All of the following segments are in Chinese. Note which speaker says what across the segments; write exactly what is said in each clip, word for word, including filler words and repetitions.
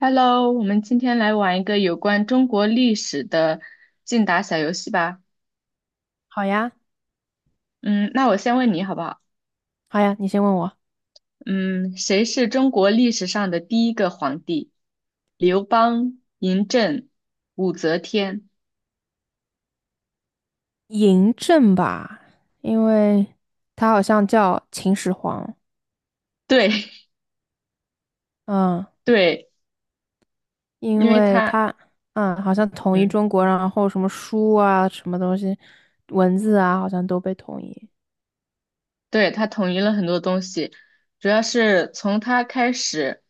Speaker 1: Hello，我们今天来玩一个有关中国历史的竞答小游戏吧。
Speaker 2: 好呀，
Speaker 1: 嗯，那我先问你好不好？
Speaker 2: 好呀，你先问我
Speaker 1: 嗯，谁是中国历史上的第一个皇帝？刘邦、嬴政、武则天。
Speaker 2: 嬴政吧，因为他好像叫秦始皇，
Speaker 1: 对，
Speaker 2: 嗯，
Speaker 1: 对，因
Speaker 2: 因
Speaker 1: 为
Speaker 2: 为
Speaker 1: 他，
Speaker 2: 他，嗯，好像统一
Speaker 1: 嗯，
Speaker 2: 中国，然后什么书啊，什么东西，文字啊，好像都被统一。
Speaker 1: 对，他统一了很多东西，主要是从他开始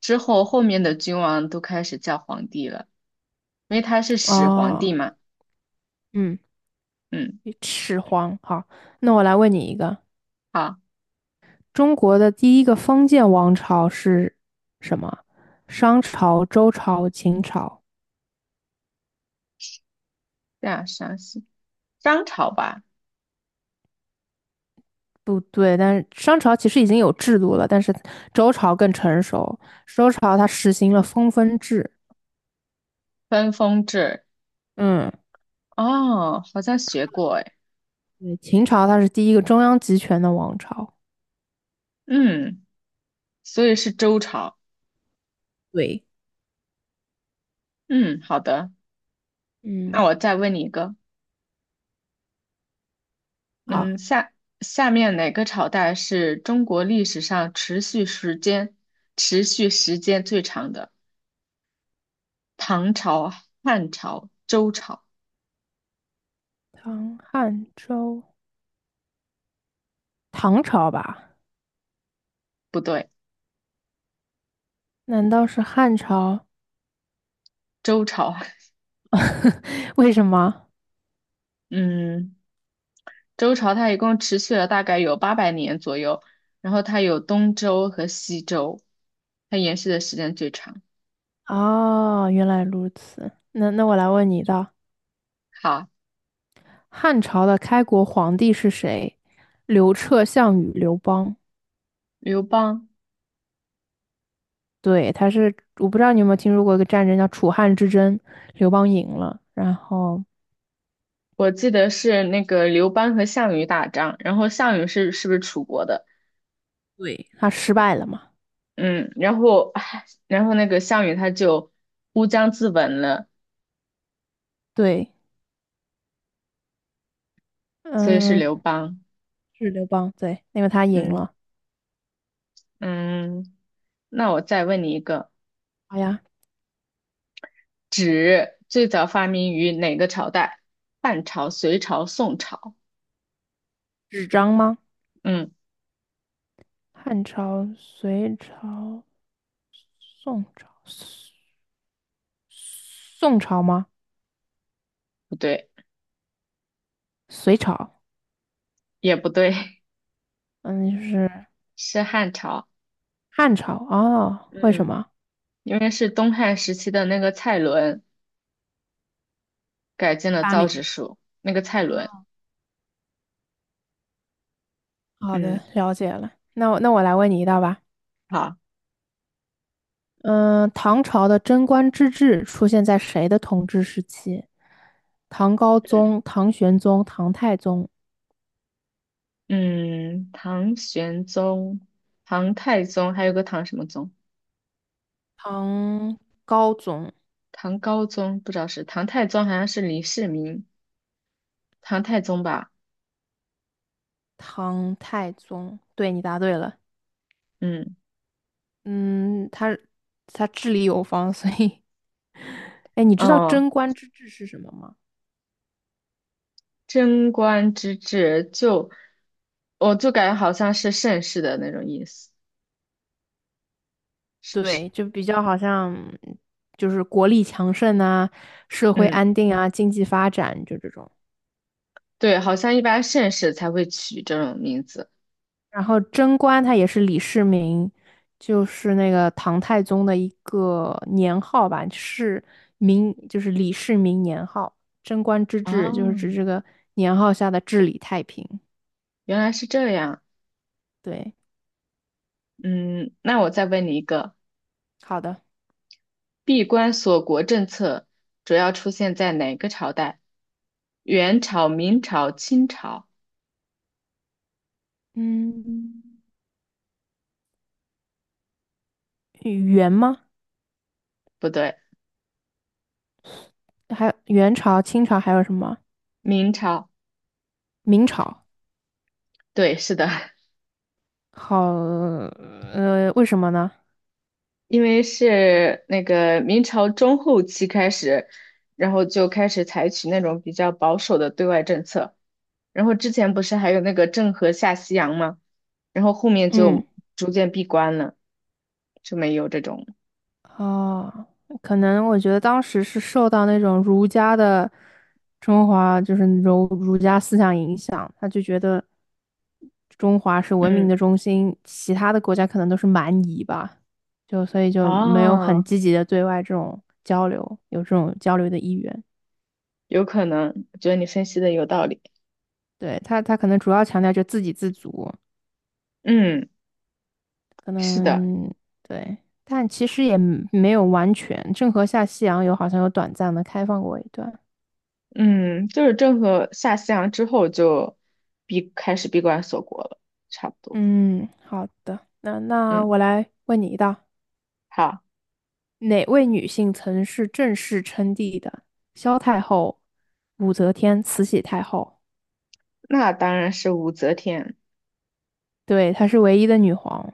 Speaker 1: 之后，后面的君王都开始叫皇帝了，因为他是始皇
Speaker 2: 哦，
Speaker 1: 帝嘛。
Speaker 2: 嗯，
Speaker 1: 嗯，
Speaker 2: 始皇。好，那我来问你一个，
Speaker 1: 好，
Speaker 2: 中国的第一个封建王朝是什么？商朝、周朝、秦朝。
Speaker 1: 这样详细，商朝吧。
Speaker 2: 不对，但是商朝其实已经有制度了，但是周朝更成熟。周朝它实行了分封制，
Speaker 1: 分封制，
Speaker 2: 嗯，
Speaker 1: 哦，好像学过哎，
Speaker 2: 对，秦朝它是第一个中央集权的王朝。
Speaker 1: 嗯，所以是周朝，
Speaker 2: 对，
Speaker 1: 嗯，好的，那
Speaker 2: 嗯，
Speaker 1: 我再问你一个，嗯，
Speaker 2: 好，
Speaker 1: 下下面哪个朝代是中国历史上持续时间持续时间最长的？唐朝、汉朝、周朝？
Speaker 2: 唐汉周，唐朝吧？
Speaker 1: 不对，
Speaker 2: 难道是汉朝？
Speaker 1: 周朝，
Speaker 2: 为什么？
Speaker 1: 嗯，周朝它一共持续了大概有八百年左右，然后它有东周和西周，它延续的时间最长。
Speaker 2: 哦，原来如此。那那我来问你一道，
Speaker 1: 好，
Speaker 2: 汉朝的开国皇帝是谁？刘彻、项羽、刘邦。
Speaker 1: 刘邦。
Speaker 2: 对，他是我不知道你有没有听说过一个战争叫楚汉之争，刘邦赢了，然后
Speaker 1: 我记得是那个刘邦和项羽打仗，然后项羽是是不是楚国的？
Speaker 2: 对，他失败了嘛？
Speaker 1: 嗯，然后唉然后那个项羽他就乌江自刎了，
Speaker 2: 对，
Speaker 1: 所以是
Speaker 2: 嗯，
Speaker 1: 刘邦。
Speaker 2: 是刘邦，对，因为他赢
Speaker 1: 嗯
Speaker 2: 了。
Speaker 1: 嗯，那我再问你一个，
Speaker 2: 好呀，
Speaker 1: 纸最早发明于哪个朝代？汉朝、隋朝、宋朝？
Speaker 2: 纸张吗？
Speaker 1: 嗯，
Speaker 2: 汉朝、隋朝、宋朝、宋朝吗？
Speaker 1: 不对，
Speaker 2: 隋朝，
Speaker 1: 也不对，
Speaker 2: 嗯，就是
Speaker 1: 是汉朝。
Speaker 2: 汉朝哦。为
Speaker 1: 嗯，
Speaker 2: 什么？
Speaker 1: 因为是东汉时期的那个蔡伦改进了
Speaker 2: 发
Speaker 1: 造纸
Speaker 2: 明。
Speaker 1: 术，那个蔡伦。
Speaker 2: 好的，
Speaker 1: 嗯。
Speaker 2: 了解了。那我那我来问你一道吧。
Speaker 1: 好。
Speaker 2: 嗯、呃唐朝的贞观之治出现在谁的统治时期？唐高宗、唐玄宗、唐太宗、
Speaker 1: 嗯，唐玄宗、唐太宗，还有个唐什么宗？
Speaker 2: 唐高宗、
Speaker 1: 唐高宗不知道是唐太宗，好像是李世民，唐太宗吧？
Speaker 2: 唐太宗。对，你答对了。
Speaker 1: 嗯，
Speaker 2: 嗯，他他治理有方，所以 哎，你知道
Speaker 1: 哦，
Speaker 2: 贞观之治是什么吗？
Speaker 1: 贞观之治就，我就感觉好像是盛世的那种意思，是不是？
Speaker 2: 对，就比较好像就是国力强盛啊，社会
Speaker 1: 嗯，
Speaker 2: 安定啊，经济发展，就这种。
Speaker 1: 对，好像一般盛世才会取这种名字。
Speaker 2: 然后贞观他也是李世民，就是那个唐太宗的一个年号吧，是明，就是李世民年号。贞观之治就是
Speaker 1: 哦，
Speaker 2: 指这个年号下的治理太平。
Speaker 1: 原来是这样。
Speaker 2: 对，
Speaker 1: 嗯，那我再问你一个。
Speaker 2: 好的，
Speaker 1: 闭关锁国政策主要出现在哪个朝代？元朝、明朝、清朝？
Speaker 2: 嗯，元吗？
Speaker 1: 不对，
Speaker 2: 还有元朝、清朝还有什么？
Speaker 1: 明朝。
Speaker 2: 明朝。
Speaker 1: 对，是的，
Speaker 2: 好，呃，为什么呢？
Speaker 1: 因为是那个明朝中后期开始，然后就开始采取那种比较保守的对外政策。然后之前不是还有那个郑和下西洋吗？然后后面
Speaker 2: 嗯。
Speaker 1: 就逐渐闭关了，就没有这种。
Speaker 2: 哦，可能我觉得当时是受到那种儒家的中华，就是儒儒家思想影响，他就觉得中华是文明的
Speaker 1: 嗯，
Speaker 2: 中心，其他的国家可能都是蛮夷吧，就所以就没有很
Speaker 1: 哦，
Speaker 2: 积极的对外这种交流，有这种交流的意愿。
Speaker 1: 有可能，我觉得你分析的有道理。
Speaker 2: 对，他，他可能主要强调就自给自足，
Speaker 1: 嗯，
Speaker 2: 可
Speaker 1: 是的。
Speaker 2: 能对，但其实也没有完全。郑和下西洋有好像有短暂的开放过一段。
Speaker 1: 嗯，就是郑和下西洋之后就闭开始闭关锁国了，差不多。
Speaker 2: 嗯，好的，那那
Speaker 1: 嗯，
Speaker 2: 我来问你一道：
Speaker 1: 好，
Speaker 2: 哪位女性曾是正式称帝的？萧太后、武则天、慈禧太后。
Speaker 1: 那当然是武则天。
Speaker 2: 对，她是唯一的女皇。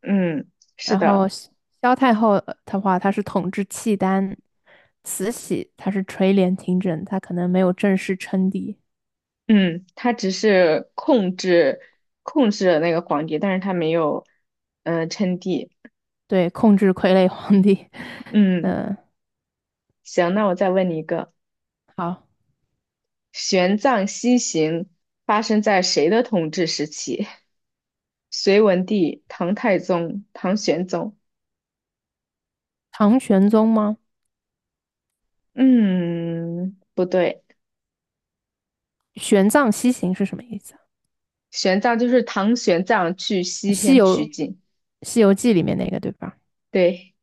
Speaker 1: 嗯，是
Speaker 2: 然
Speaker 1: 的，
Speaker 2: 后萧萧太后呃的话，她是统治契丹；慈禧她是垂帘听政，她可能没有正式称帝，
Speaker 1: 嗯，他只是控制控制了那个皇帝，但是他没有嗯、呃称帝。
Speaker 2: 对，控制傀儡皇帝。
Speaker 1: 嗯，
Speaker 2: 嗯，
Speaker 1: 行，那我再问你一个，
Speaker 2: 好，
Speaker 1: 玄奘西行发生在谁的统治时期？隋文帝、唐太宗、唐玄宗。
Speaker 2: 唐玄宗吗？
Speaker 1: 嗯，不对。
Speaker 2: 玄奘西行是什么意思啊
Speaker 1: 玄奘就是唐玄奘去西
Speaker 2: 西
Speaker 1: 天取
Speaker 2: 游
Speaker 1: 经，
Speaker 2: 《西游记》里面那个对吧？
Speaker 1: 对，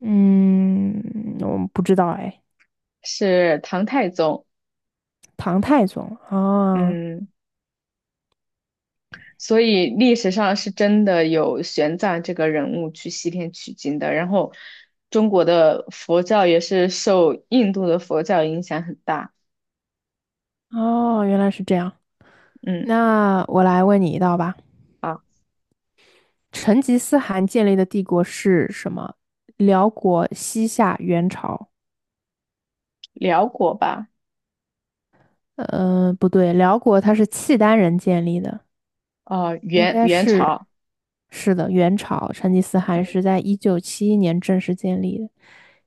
Speaker 2: 嗯，我们不知道哎，
Speaker 1: 是唐太宗。
Speaker 2: 唐太宗啊，
Speaker 1: 嗯，所以历史上是真的有玄奘这个人物去西天取经的。然后，中国的佛教也是受印度的佛教影响很大。
Speaker 2: 哦，原来是这样。
Speaker 1: 嗯，
Speaker 2: 那我来问你一道吧。
Speaker 1: 啊，
Speaker 2: 成吉思汗建立的帝国是什么？辽国、西夏、元朝？
Speaker 1: 辽国吧，
Speaker 2: 呃，不对，辽国它是契丹人建立的，
Speaker 1: 啊，
Speaker 2: 应
Speaker 1: 元
Speaker 2: 该
Speaker 1: 元
Speaker 2: 是，
Speaker 1: 朝。
Speaker 2: 是的，元朝。成吉思
Speaker 1: 嗯，
Speaker 2: 汗是在一九七一年正式建立的，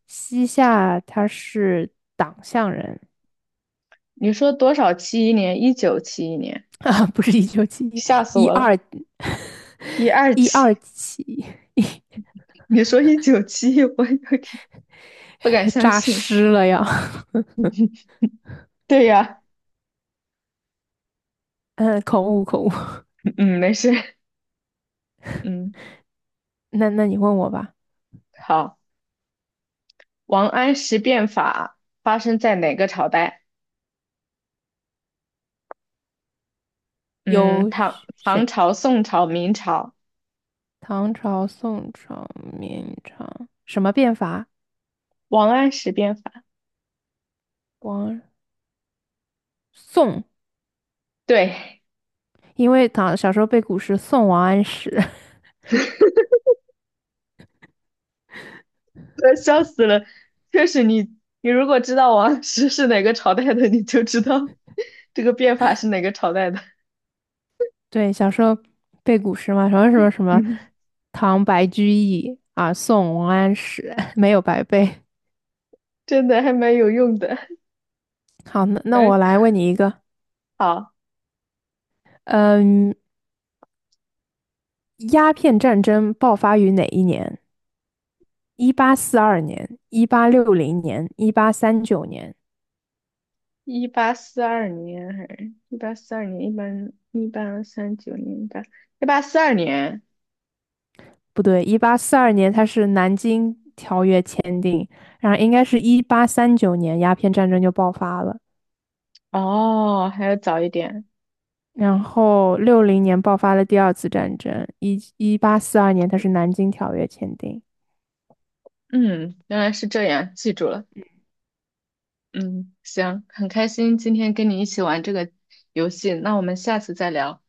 Speaker 2: 西夏他是党项人，
Speaker 1: 你说多少七一年？一九七一年，
Speaker 2: 啊，不是一九七一，
Speaker 1: 吓死
Speaker 2: 一
Speaker 1: 我了！
Speaker 2: 二
Speaker 1: 一二
Speaker 2: 一
Speaker 1: 七，
Speaker 2: 二七，
Speaker 1: 你说一九七一，我有点不敢相
Speaker 2: 扎
Speaker 1: 信。
Speaker 2: 尸了呀，
Speaker 1: 对呀、
Speaker 2: 嗯，口误口误。
Speaker 1: 嗯，没事。嗯，
Speaker 2: 那那你问我吧，
Speaker 1: 好。王安石变法发生在哪个朝代？嗯，
Speaker 2: 有
Speaker 1: 唐、唐
Speaker 2: 选
Speaker 1: 朝、宋朝、明朝。
Speaker 2: 唐朝、宋朝、明朝什么变法？
Speaker 1: 王安石变法，
Speaker 2: 王宋，
Speaker 1: 对，
Speaker 2: 因为唐小时候背古诗《宋王安石》，
Speaker 1: 呃笑死了。确实你，你如果知道王安石是哪个朝代的，你就知道这个变法是哪个朝代的。
Speaker 2: 对，小时候背古诗嘛，什么什 么什么
Speaker 1: 嗯，
Speaker 2: 唐白居易啊，宋王安石没有白背。
Speaker 1: 真的还蛮有用的。
Speaker 2: 好，那那
Speaker 1: 嗯，
Speaker 2: 我
Speaker 1: 可
Speaker 2: 来问你一个，
Speaker 1: 好，
Speaker 2: 嗯，鸦片战争爆发于哪一年？一八四二年、一八六零年、一八三九年？
Speaker 1: 一八四二年还是一八四二年？一八一八三九年，吧？八一八四二年。
Speaker 2: 不对，一八四二年它是南京条约签订，然后应该是一八三九年鸦片战争就爆发了，
Speaker 1: 哦，还要早一点。
Speaker 2: 然后六零年爆发了第二次战争，一一八四二年它是南京条约签订。
Speaker 1: 嗯，原来是这样，记住了。嗯，行，很开心今天跟你一起玩这个游戏，那我们下次再聊，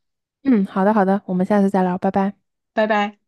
Speaker 2: 嗯，好的好的，我们下次再聊，拜拜。
Speaker 1: 拜拜。